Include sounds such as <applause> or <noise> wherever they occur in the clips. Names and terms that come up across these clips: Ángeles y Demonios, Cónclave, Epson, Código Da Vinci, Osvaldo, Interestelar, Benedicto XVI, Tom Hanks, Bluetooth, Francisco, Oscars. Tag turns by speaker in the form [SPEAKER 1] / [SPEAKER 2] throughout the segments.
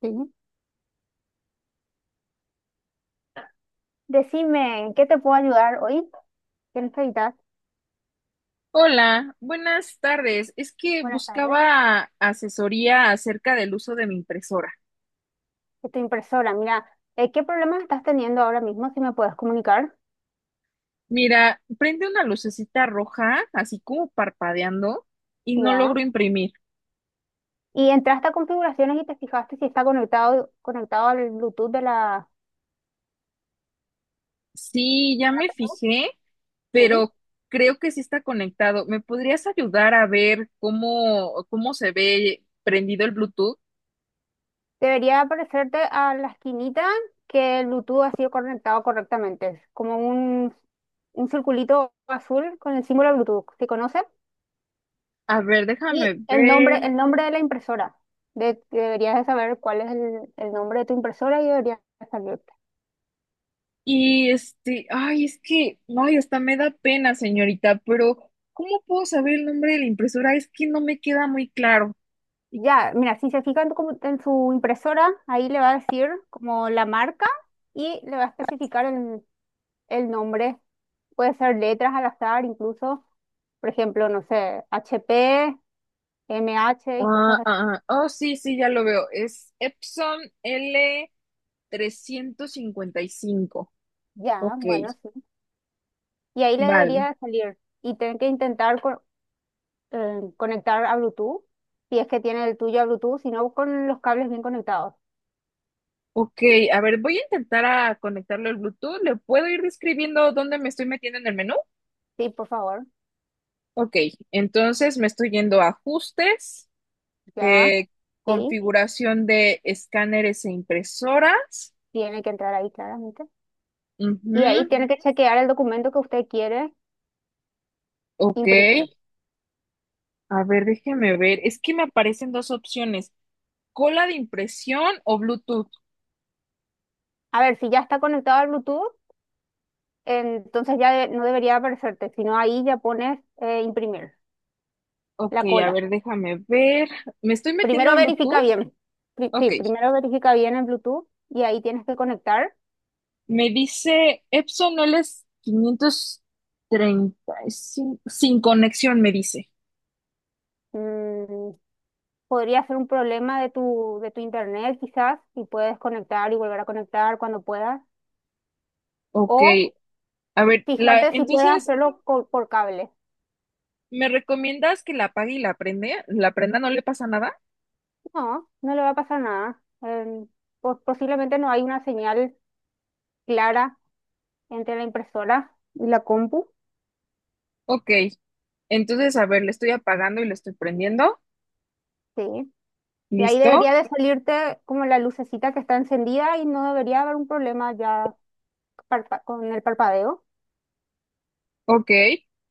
[SPEAKER 1] Sí. Decime, ¿en qué te puedo ayudar hoy? ¿Qué necesitas?
[SPEAKER 2] Hola, buenas tardes. Es que
[SPEAKER 1] Buenas tardes.
[SPEAKER 2] buscaba asesoría acerca del uso de mi impresora.
[SPEAKER 1] Es tu impresora. Mira, ¿qué problemas estás teniendo ahora mismo? Si me puedes comunicar.
[SPEAKER 2] Mira, prende una lucecita roja, así como parpadeando, y no
[SPEAKER 1] Ya.
[SPEAKER 2] logro imprimir.
[SPEAKER 1] Y entraste a configuraciones y te fijaste si está conectado, conectado al Bluetooth de la...
[SPEAKER 2] Sí, ya me fijé,
[SPEAKER 1] Sí.
[SPEAKER 2] pero creo que sí está conectado. ¿Me podrías ayudar a ver cómo se ve prendido el Bluetooth?
[SPEAKER 1] Debería aparecerte a la esquinita que el Bluetooth ha sido conectado correctamente. Es como un circulito azul con el símbolo Bluetooth. ¿Se conoce?
[SPEAKER 2] A ver, déjame
[SPEAKER 1] Y
[SPEAKER 2] ver.
[SPEAKER 1] el nombre de la impresora. Deberías de saber cuál es el nombre de tu impresora y deberías salirte.
[SPEAKER 2] Y este, ay, es que, ay, hasta me da pena, señorita, pero ¿cómo puedo saber el nombre de la impresora? Es que no me queda muy claro.
[SPEAKER 1] Ya, mira, si se fija en su impresora, ahí le va a decir como la marca y le va a especificar el nombre. Puede ser letras al azar, incluso, por ejemplo, no sé, HP, MH y cosas
[SPEAKER 2] Ah,
[SPEAKER 1] así.
[SPEAKER 2] ah, ah, oh, sí, sí, ya lo veo. Es Epson L355.
[SPEAKER 1] Ya,
[SPEAKER 2] Ok,
[SPEAKER 1] bueno, sí. Y ahí le
[SPEAKER 2] vale.
[SPEAKER 1] debería de salir. Y tienen que intentar conectar a Bluetooth, si es que tiene el tuyo a Bluetooth, si no con los cables bien conectados.
[SPEAKER 2] Ok, a ver, voy a intentar a conectarlo al Bluetooth. ¿Le puedo ir describiendo dónde me estoy metiendo en el menú?
[SPEAKER 1] Sí, por favor,
[SPEAKER 2] Ok, entonces me estoy yendo a ajustes,
[SPEAKER 1] ya,
[SPEAKER 2] eh,
[SPEAKER 1] sí,
[SPEAKER 2] configuración de escáneres e impresoras.
[SPEAKER 1] tiene que entrar ahí claramente. Y
[SPEAKER 2] Ujú,
[SPEAKER 1] ahí tiene que chequear el documento que usted quiere
[SPEAKER 2] ok,
[SPEAKER 1] imprimir.
[SPEAKER 2] a ver, déjeme ver. Es que me aparecen dos opciones, cola de impresión o Bluetooth.
[SPEAKER 1] A ver, si ya está conectado al Bluetooth, entonces ya no debería aparecerte, sino ahí ya pones imprimir,
[SPEAKER 2] Ok,
[SPEAKER 1] la
[SPEAKER 2] a
[SPEAKER 1] cola.
[SPEAKER 2] ver, déjame ver. ¿Me estoy metiendo
[SPEAKER 1] Primero
[SPEAKER 2] a
[SPEAKER 1] verifica
[SPEAKER 2] Bluetooth?
[SPEAKER 1] bien. Sí,
[SPEAKER 2] Ok,
[SPEAKER 1] primero verifica bien el Bluetooth y ahí tienes que conectar.
[SPEAKER 2] me dice Epson LS535 sin conexión, me dice.
[SPEAKER 1] Mm, podría ser un problema de tu internet quizás, y puedes conectar y volver a conectar cuando puedas.
[SPEAKER 2] Ok,
[SPEAKER 1] O
[SPEAKER 2] a ver, la,
[SPEAKER 1] fijarte si puedes
[SPEAKER 2] entonces,
[SPEAKER 1] hacerlo por, cable.
[SPEAKER 2] ¿me recomiendas que la apague y la prende? ¿La prenda no le pasa nada?
[SPEAKER 1] No, no le va a pasar nada. Posiblemente no hay una señal clara entre la impresora y la compu.
[SPEAKER 2] Ok, entonces, a ver, le estoy apagando y le estoy prendiendo.
[SPEAKER 1] Sí. Y ahí
[SPEAKER 2] ¿Listo?
[SPEAKER 1] debería de salirte como la lucecita que está encendida y no debería haber un problema ya con el parpadeo.
[SPEAKER 2] Ok.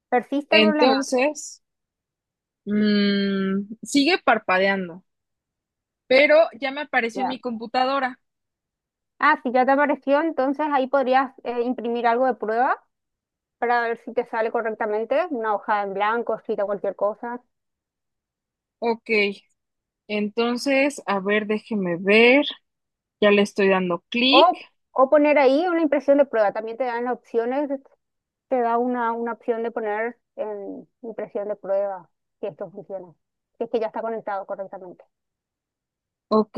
[SPEAKER 1] Persiste el problema.
[SPEAKER 2] Entonces, mm, sigue parpadeando, pero ya me apareció en mi
[SPEAKER 1] Ya.
[SPEAKER 2] computadora.
[SPEAKER 1] Ah, si ya te apareció, entonces ahí podrías imprimir algo de prueba para ver si te sale correctamente, una hoja en blanco, escrita cualquier cosa.
[SPEAKER 2] Ok, entonces, a ver, déjeme ver. Ya le estoy dando clic.
[SPEAKER 1] O, o poner ahí una impresión de prueba. También te dan las opciones, te da una opción de poner en impresión de prueba, si esto funciona. Si es que ya está conectado correctamente.
[SPEAKER 2] Ok,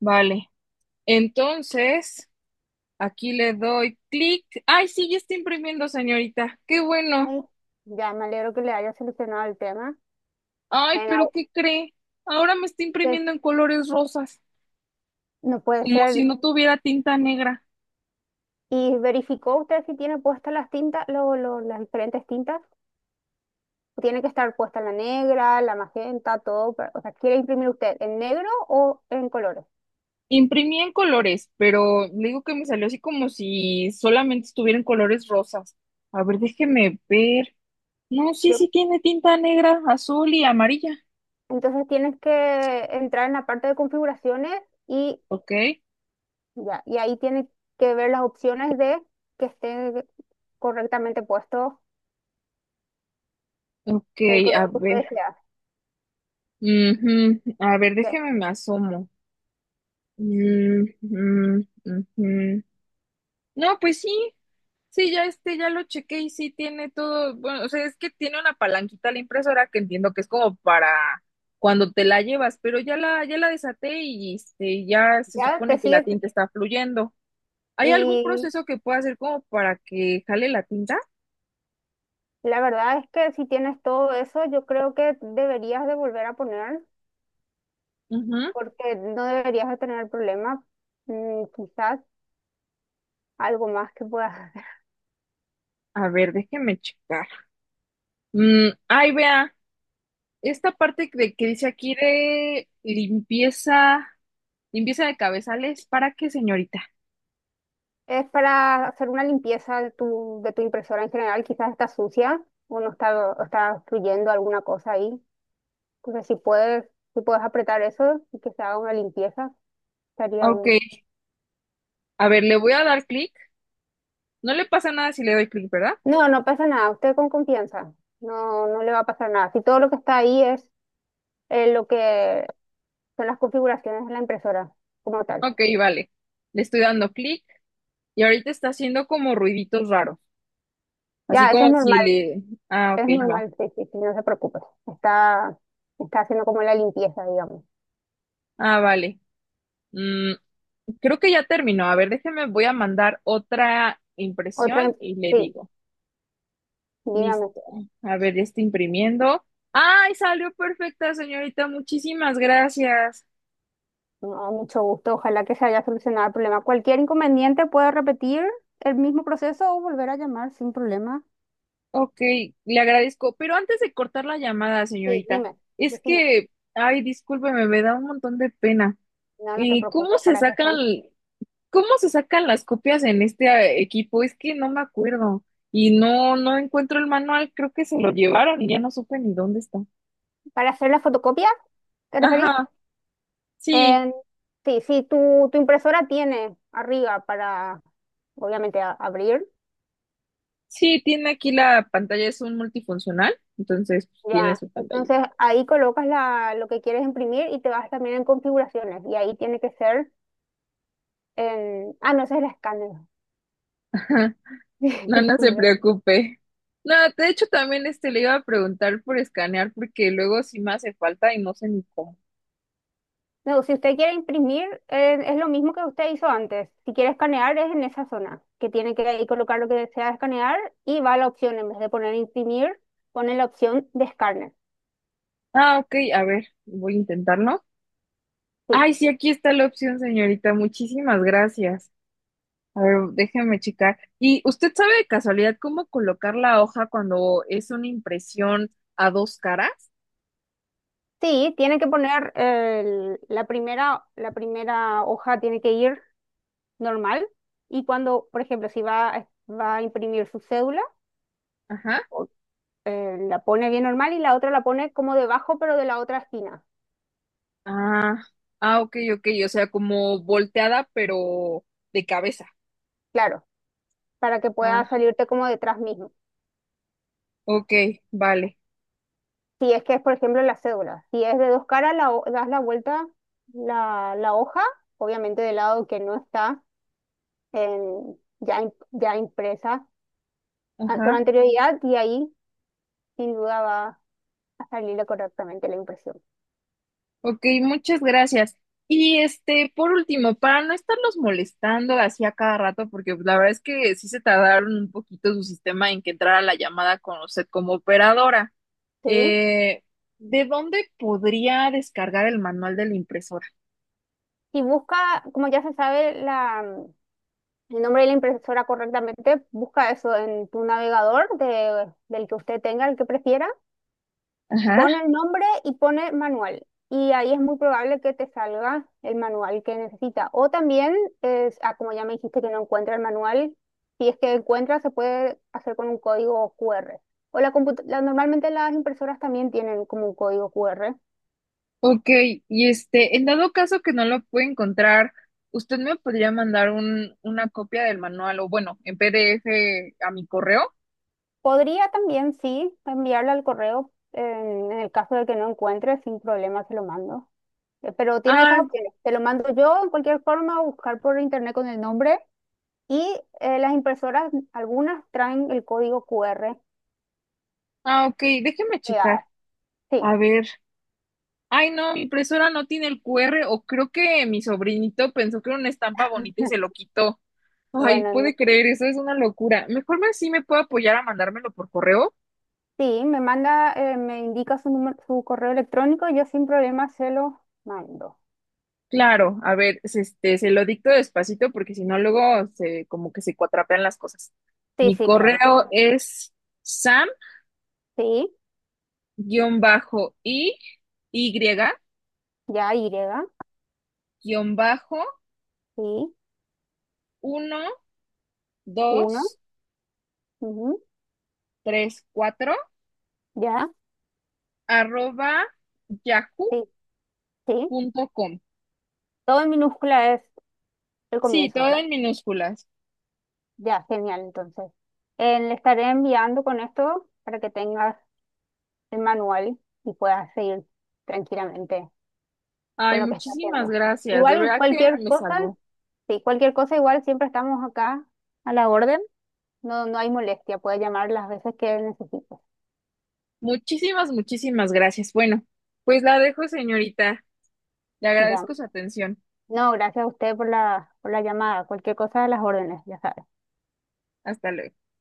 [SPEAKER 2] vale. Entonces, aquí le doy clic. Ay, sí, ya está imprimiendo, señorita. Qué bueno.
[SPEAKER 1] Mm. Ya me alegro que le haya solucionado el tema.
[SPEAKER 2] Ay,
[SPEAKER 1] En
[SPEAKER 2] pero
[SPEAKER 1] au-
[SPEAKER 2] ¿qué cree? Ahora me está
[SPEAKER 1] que
[SPEAKER 2] imprimiendo en colores rosas,
[SPEAKER 1] no puede
[SPEAKER 2] como si
[SPEAKER 1] ser.
[SPEAKER 2] no tuviera tinta negra.
[SPEAKER 1] ¿Y verificó usted si tiene puestas las tintas, las diferentes tintas? Tiene que estar puesta la negra, la magenta, todo. O sea, ¿quiere imprimir usted en negro o en colores?
[SPEAKER 2] Imprimí en colores, pero le digo que me salió así como si solamente estuvieran colores rosas. A ver, déjeme ver. No, sí,
[SPEAKER 1] Yo-
[SPEAKER 2] sí tiene tinta negra, azul y amarilla.
[SPEAKER 1] entonces tienes que entrar en la parte de configuraciones y
[SPEAKER 2] Ok,
[SPEAKER 1] ya, y ahí tienes que ver las opciones de que esté correctamente puesto
[SPEAKER 2] ok,
[SPEAKER 1] el
[SPEAKER 2] a
[SPEAKER 1] color que tú
[SPEAKER 2] ver.
[SPEAKER 1] deseas.
[SPEAKER 2] Ujú, a ver,
[SPEAKER 1] Ya,
[SPEAKER 2] déjeme me asomo. Mm, mm, ujú. No, pues sí, sí, ya este, ya lo chequé y sí tiene todo, bueno, o sea, es que tiene una palanquita la impresora que entiendo que es como para cuando te la llevas, pero ya la desaté y este, ya se
[SPEAKER 1] ya te
[SPEAKER 2] supone que la
[SPEAKER 1] sigue
[SPEAKER 2] tinta está fluyendo. ¿Hay algún
[SPEAKER 1] y
[SPEAKER 2] proceso que pueda hacer como para que jale la tinta?
[SPEAKER 1] la verdad es que si tienes todo eso, yo creo que deberías de volver a poner
[SPEAKER 2] Ujú.
[SPEAKER 1] porque no deberías de tener problema. Mm, quizás algo más que puedas.
[SPEAKER 2] A ver, déjeme checar. Mm, ay, vea, esta parte de, que dice aquí de limpieza, limpieza de cabezales, ¿para qué, señorita?
[SPEAKER 1] Es para hacer una limpieza de tu impresora en general, quizás está sucia o no está, o está fluyendo alguna cosa ahí. Entonces, si puedes, si puedes apretar eso y que se haga una limpieza, estaría
[SPEAKER 2] Ok,
[SPEAKER 1] bien.
[SPEAKER 2] a ver, le voy a dar clic. No le pasa nada si le doy clic, ¿verdad?
[SPEAKER 1] No, no pasa nada, usted con confianza, no, no le va a pasar nada. Si todo lo que está ahí es lo que son las configuraciones de la impresora como tal.
[SPEAKER 2] Ok, vale. Le estoy dando clic y ahorita está haciendo como ruiditos raros. Así
[SPEAKER 1] Ya, eso
[SPEAKER 2] como si le... Ah, ok,
[SPEAKER 1] es
[SPEAKER 2] va.
[SPEAKER 1] normal, sí, sí, sí, no se preocupe. Está, está haciendo como la limpieza, digamos.
[SPEAKER 2] Ah, vale. Mm, creo que ya terminó. A ver, déjeme, voy a mandar otra
[SPEAKER 1] Otra,
[SPEAKER 2] impresión
[SPEAKER 1] im-
[SPEAKER 2] y le
[SPEAKER 1] sí,
[SPEAKER 2] digo.
[SPEAKER 1] dígame.
[SPEAKER 2] Listo. A ver, ya está imprimiendo. ¡Ay, salió perfecta, señorita! Muchísimas gracias.
[SPEAKER 1] No, mucho gusto. Ojalá que se haya solucionado el problema. Cualquier inconveniente puede repetir el mismo proceso o volver a llamar sin problema.
[SPEAKER 2] Ok, le agradezco. Pero antes de cortar la llamada,
[SPEAKER 1] Sí,
[SPEAKER 2] señorita,
[SPEAKER 1] dime,
[SPEAKER 2] es
[SPEAKER 1] decime.
[SPEAKER 2] que... Ay, discúlpeme, me da un montón de pena.
[SPEAKER 1] No, no te
[SPEAKER 2] ¿Cómo
[SPEAKER 1] preocupes,
[SPEAKER 2] se
[SPEAKER 1] para eso
[SPEAKER 2] sacan?
[SPEAKER 1] estoy.
[SPEAKER 2] ¿Cómo se sacan las copias en este equipo? Es que no me acuerdo. Y no, no encuentro el manual, creo que se lo llevaron y ya no supe ni dónde está.
[SPEAKER 1] ¿Para hacer la fotocopia? ¿Te referís?
[SPEAKER 2] Ajá, sí,
[SPEAKER 1] En- sí, sí, tu impresora tiene arriba para, obviamente, abrir.
[SPEAKER 2] sí, tiene aquí la pantalla, es un multifuncional, entonces pues, tiene
[SPEAKER 1] Ya,
[SPEAKER 2] su pantalla.
[SPEAKER 1] entonces ahí colocas la, lo que quieres imprimir y te vas también en configuraciones. Y ahí tiene que ser en... Ah, no, ese es el escáner.
[SPEAKER 2] <laughs>
[SPEAKER 1] <laughs>
[SPEAKER 2] No, no se
[SPEAKER 1] Disculpe.
[SPEAKER 2] preocupe. No, de hecho también este le iba a preguntar por escanear porque luego sí me hace falta y no sé ni cómo.
[SPEAKER 1] No, si usted quiere imprimir, es lo mismo que usted hizo antes. Si quiere escanear, es en esa zona, que tiene que ahí colocar lo que desea escanear y va a la opción, en vez de poner imprimir, pone la opción de escáner.
[SPEAKER 2] Ah, ok, a ver, voy a intentarlo.
[SPEAKER 1] Sí,
[SPEAKER 2] Ay, sí, aquí está la opción, señorita. Muchísimas gracias. A ver, déjeme checar. ¿Y usted sabe de casualidad cómo colocar la hoja cuando es una impresión a dos caras?
[SPEAKER 1] sí, tiene que poner la primera hoja tiene que ir normal y cuando, por ejemplo, si va, va a imprimir su cédula,
[SPEAKER 2] Ajá.
[SPEAKER 1] o- la pone bien normal y la otra la pone como debajo, pero de la otra esquina,
[SPEAKER 2] Ah, ah, ok, ok. O sea, como volteada, pero de cabeza.
[SPEAKER 1] claro, para que
[SPEAKER 2] Ah,
[SPEAKER 1] pueda salirte como detrás mismo.
[SPEAKER 2] ok, vale.
[SPEAKER 1] Si es que es, por ejemplo, la cédula. Si es de dos caras, das la vuelta, la hoja, obviamente del lado que no está ya, ya impresa con
[SPEAKER 2] Ajá.
[SPEAKER 1] anterioridad y ahí sin duda va a salir correctamente la impresión.
[SPEAKER 2] Ok, muchas gracias. Y este, por último, para no estarlos molestando así a cada rato, porque pues, la verdad es que sí se tardaron un poquito su sistema en que entrara la llamada con usted como operadora.
[SPEAKER 1] ¿Sí?
[SPEAKER 2] Eh, ¿De dónde podría descargar el manual de la impresora?
[SPEAKER 1] Y busca, como ya se sabe la, el nombre de la impresora correctamente, busca eso en tu navegador del que usted tenga, el que prefiera.
[SPEAKER 2] Ajá.
[SPEAKER 1] Pone el nombre y pone manual. Y ahí es muy probable que te salga el manual que necesita. O también, es, ah, como ya me dijiste que no encuentra el manual, si es que encuentra, se puede hacer con un código QR. O normalmente las impresoras también tienen como un código QR.
[SPEAKER 2] Ok, y este, en dado caso que no lo pueda encontrar, ¿usted me podría mandar un, una copia del manual o bueno, en PDF a mi correo?
[SPEAKER 1] Podría también, sí, enviarle al correo en el caso de que no encuentre, sin problema se lo mando. Pero tiene esas
[SPEAKER 2] Ah,
[SPEAKER 1] opciones. Te lo mando yo, en cualquier forma, o buscar por internet con el nombre. Y las impresoras, algunas traen el código QR
[SPEAKER 2] ah, ok, déjeme checar.
[SPEAKER 1] pegada. Sí,
[SPEAKER 2] A ver. Ay, no, mi impresora no tiene el QR o creo que mi sobrinito pensó que era una estampa bonita y se lo quitó. Ay,
[SPEAKER 1] bueno,
[SPEAKER 2] puede creer, eso es una locura. Mejor me sí me puedo apoyar a mandármelo por correo.
[SPEAKER 1] sí, me manda, me indica su número, su correo electrónico, yo sin problema se lo mando.
[SPEAKER 2] Claro, a ver, se- este, se lo dicto despacito porque si no luego se como que se cuatrapean las cosas.
[SPEAKER 1] Sí,
[SPEAKER 2] Mi
[SPEAKER 1] sí, claro.
[SPEAKER 2] correo es sam-i
[SPEAKER 1] Sí,
[SPEAKER 2] y-1
[SPEAKER 1] ya, Y, sí,
[SPEAKER 2] 2
[SPEAKER 1] uno, ujú,
[SPEAKER 2] 3 4
[SPEAKER 1] ya,
[SPEAKER 2] arroba
[SPEAKER 1] sí, sí.
[SPEAKER 2] yahoo.com.
[SPEAKER 1] Todo en minúscula es el
[SPEAKER 2] Sí,
[SPEAKER 1] comienzo,
[SPEAKER 2] todo
[SPEAKER 1] ¿verdad?
[SPEAKER 2] en minúsculas.
[SPEAKER 1] Ya, genial, entonces. Le estaré enviando con esto para que tengas el manual y puedas seguir tranquilamente con
[SPEAKER 2] Ay,
[SPEAKER 1] lo que está
[SPEAKER 2] muchísimas
[SPEAKER 1] haciendo.
[SPEAKER 2] gracias. De
[SPEAKER 1] Igual
[SPEAKER 2] verdad que
[SPEAKER 1] cualquier
[SPEAKER 2] me
[SPEAKER 1] cosa,
[SPEAKER 2] salvó.
[SPEAKER 1] sí, cualquier cosa igual siempre estamos acá a la orden. No, no hay molestia, puede llamar las veces que necesite.
[SPEAKER 2] Muchísimas, muchísimas gracias. Bueno, pues la dejo, señorita. Le
[SPEAKER 1] Ya.
[SPEAKER 2] agradezco su atención.
[SPEAKER 1] No, gracias a usted por la llamada. Cualquier cosa a las órdenes, ya sabe.
[SPEAKER 2] Hasta luego.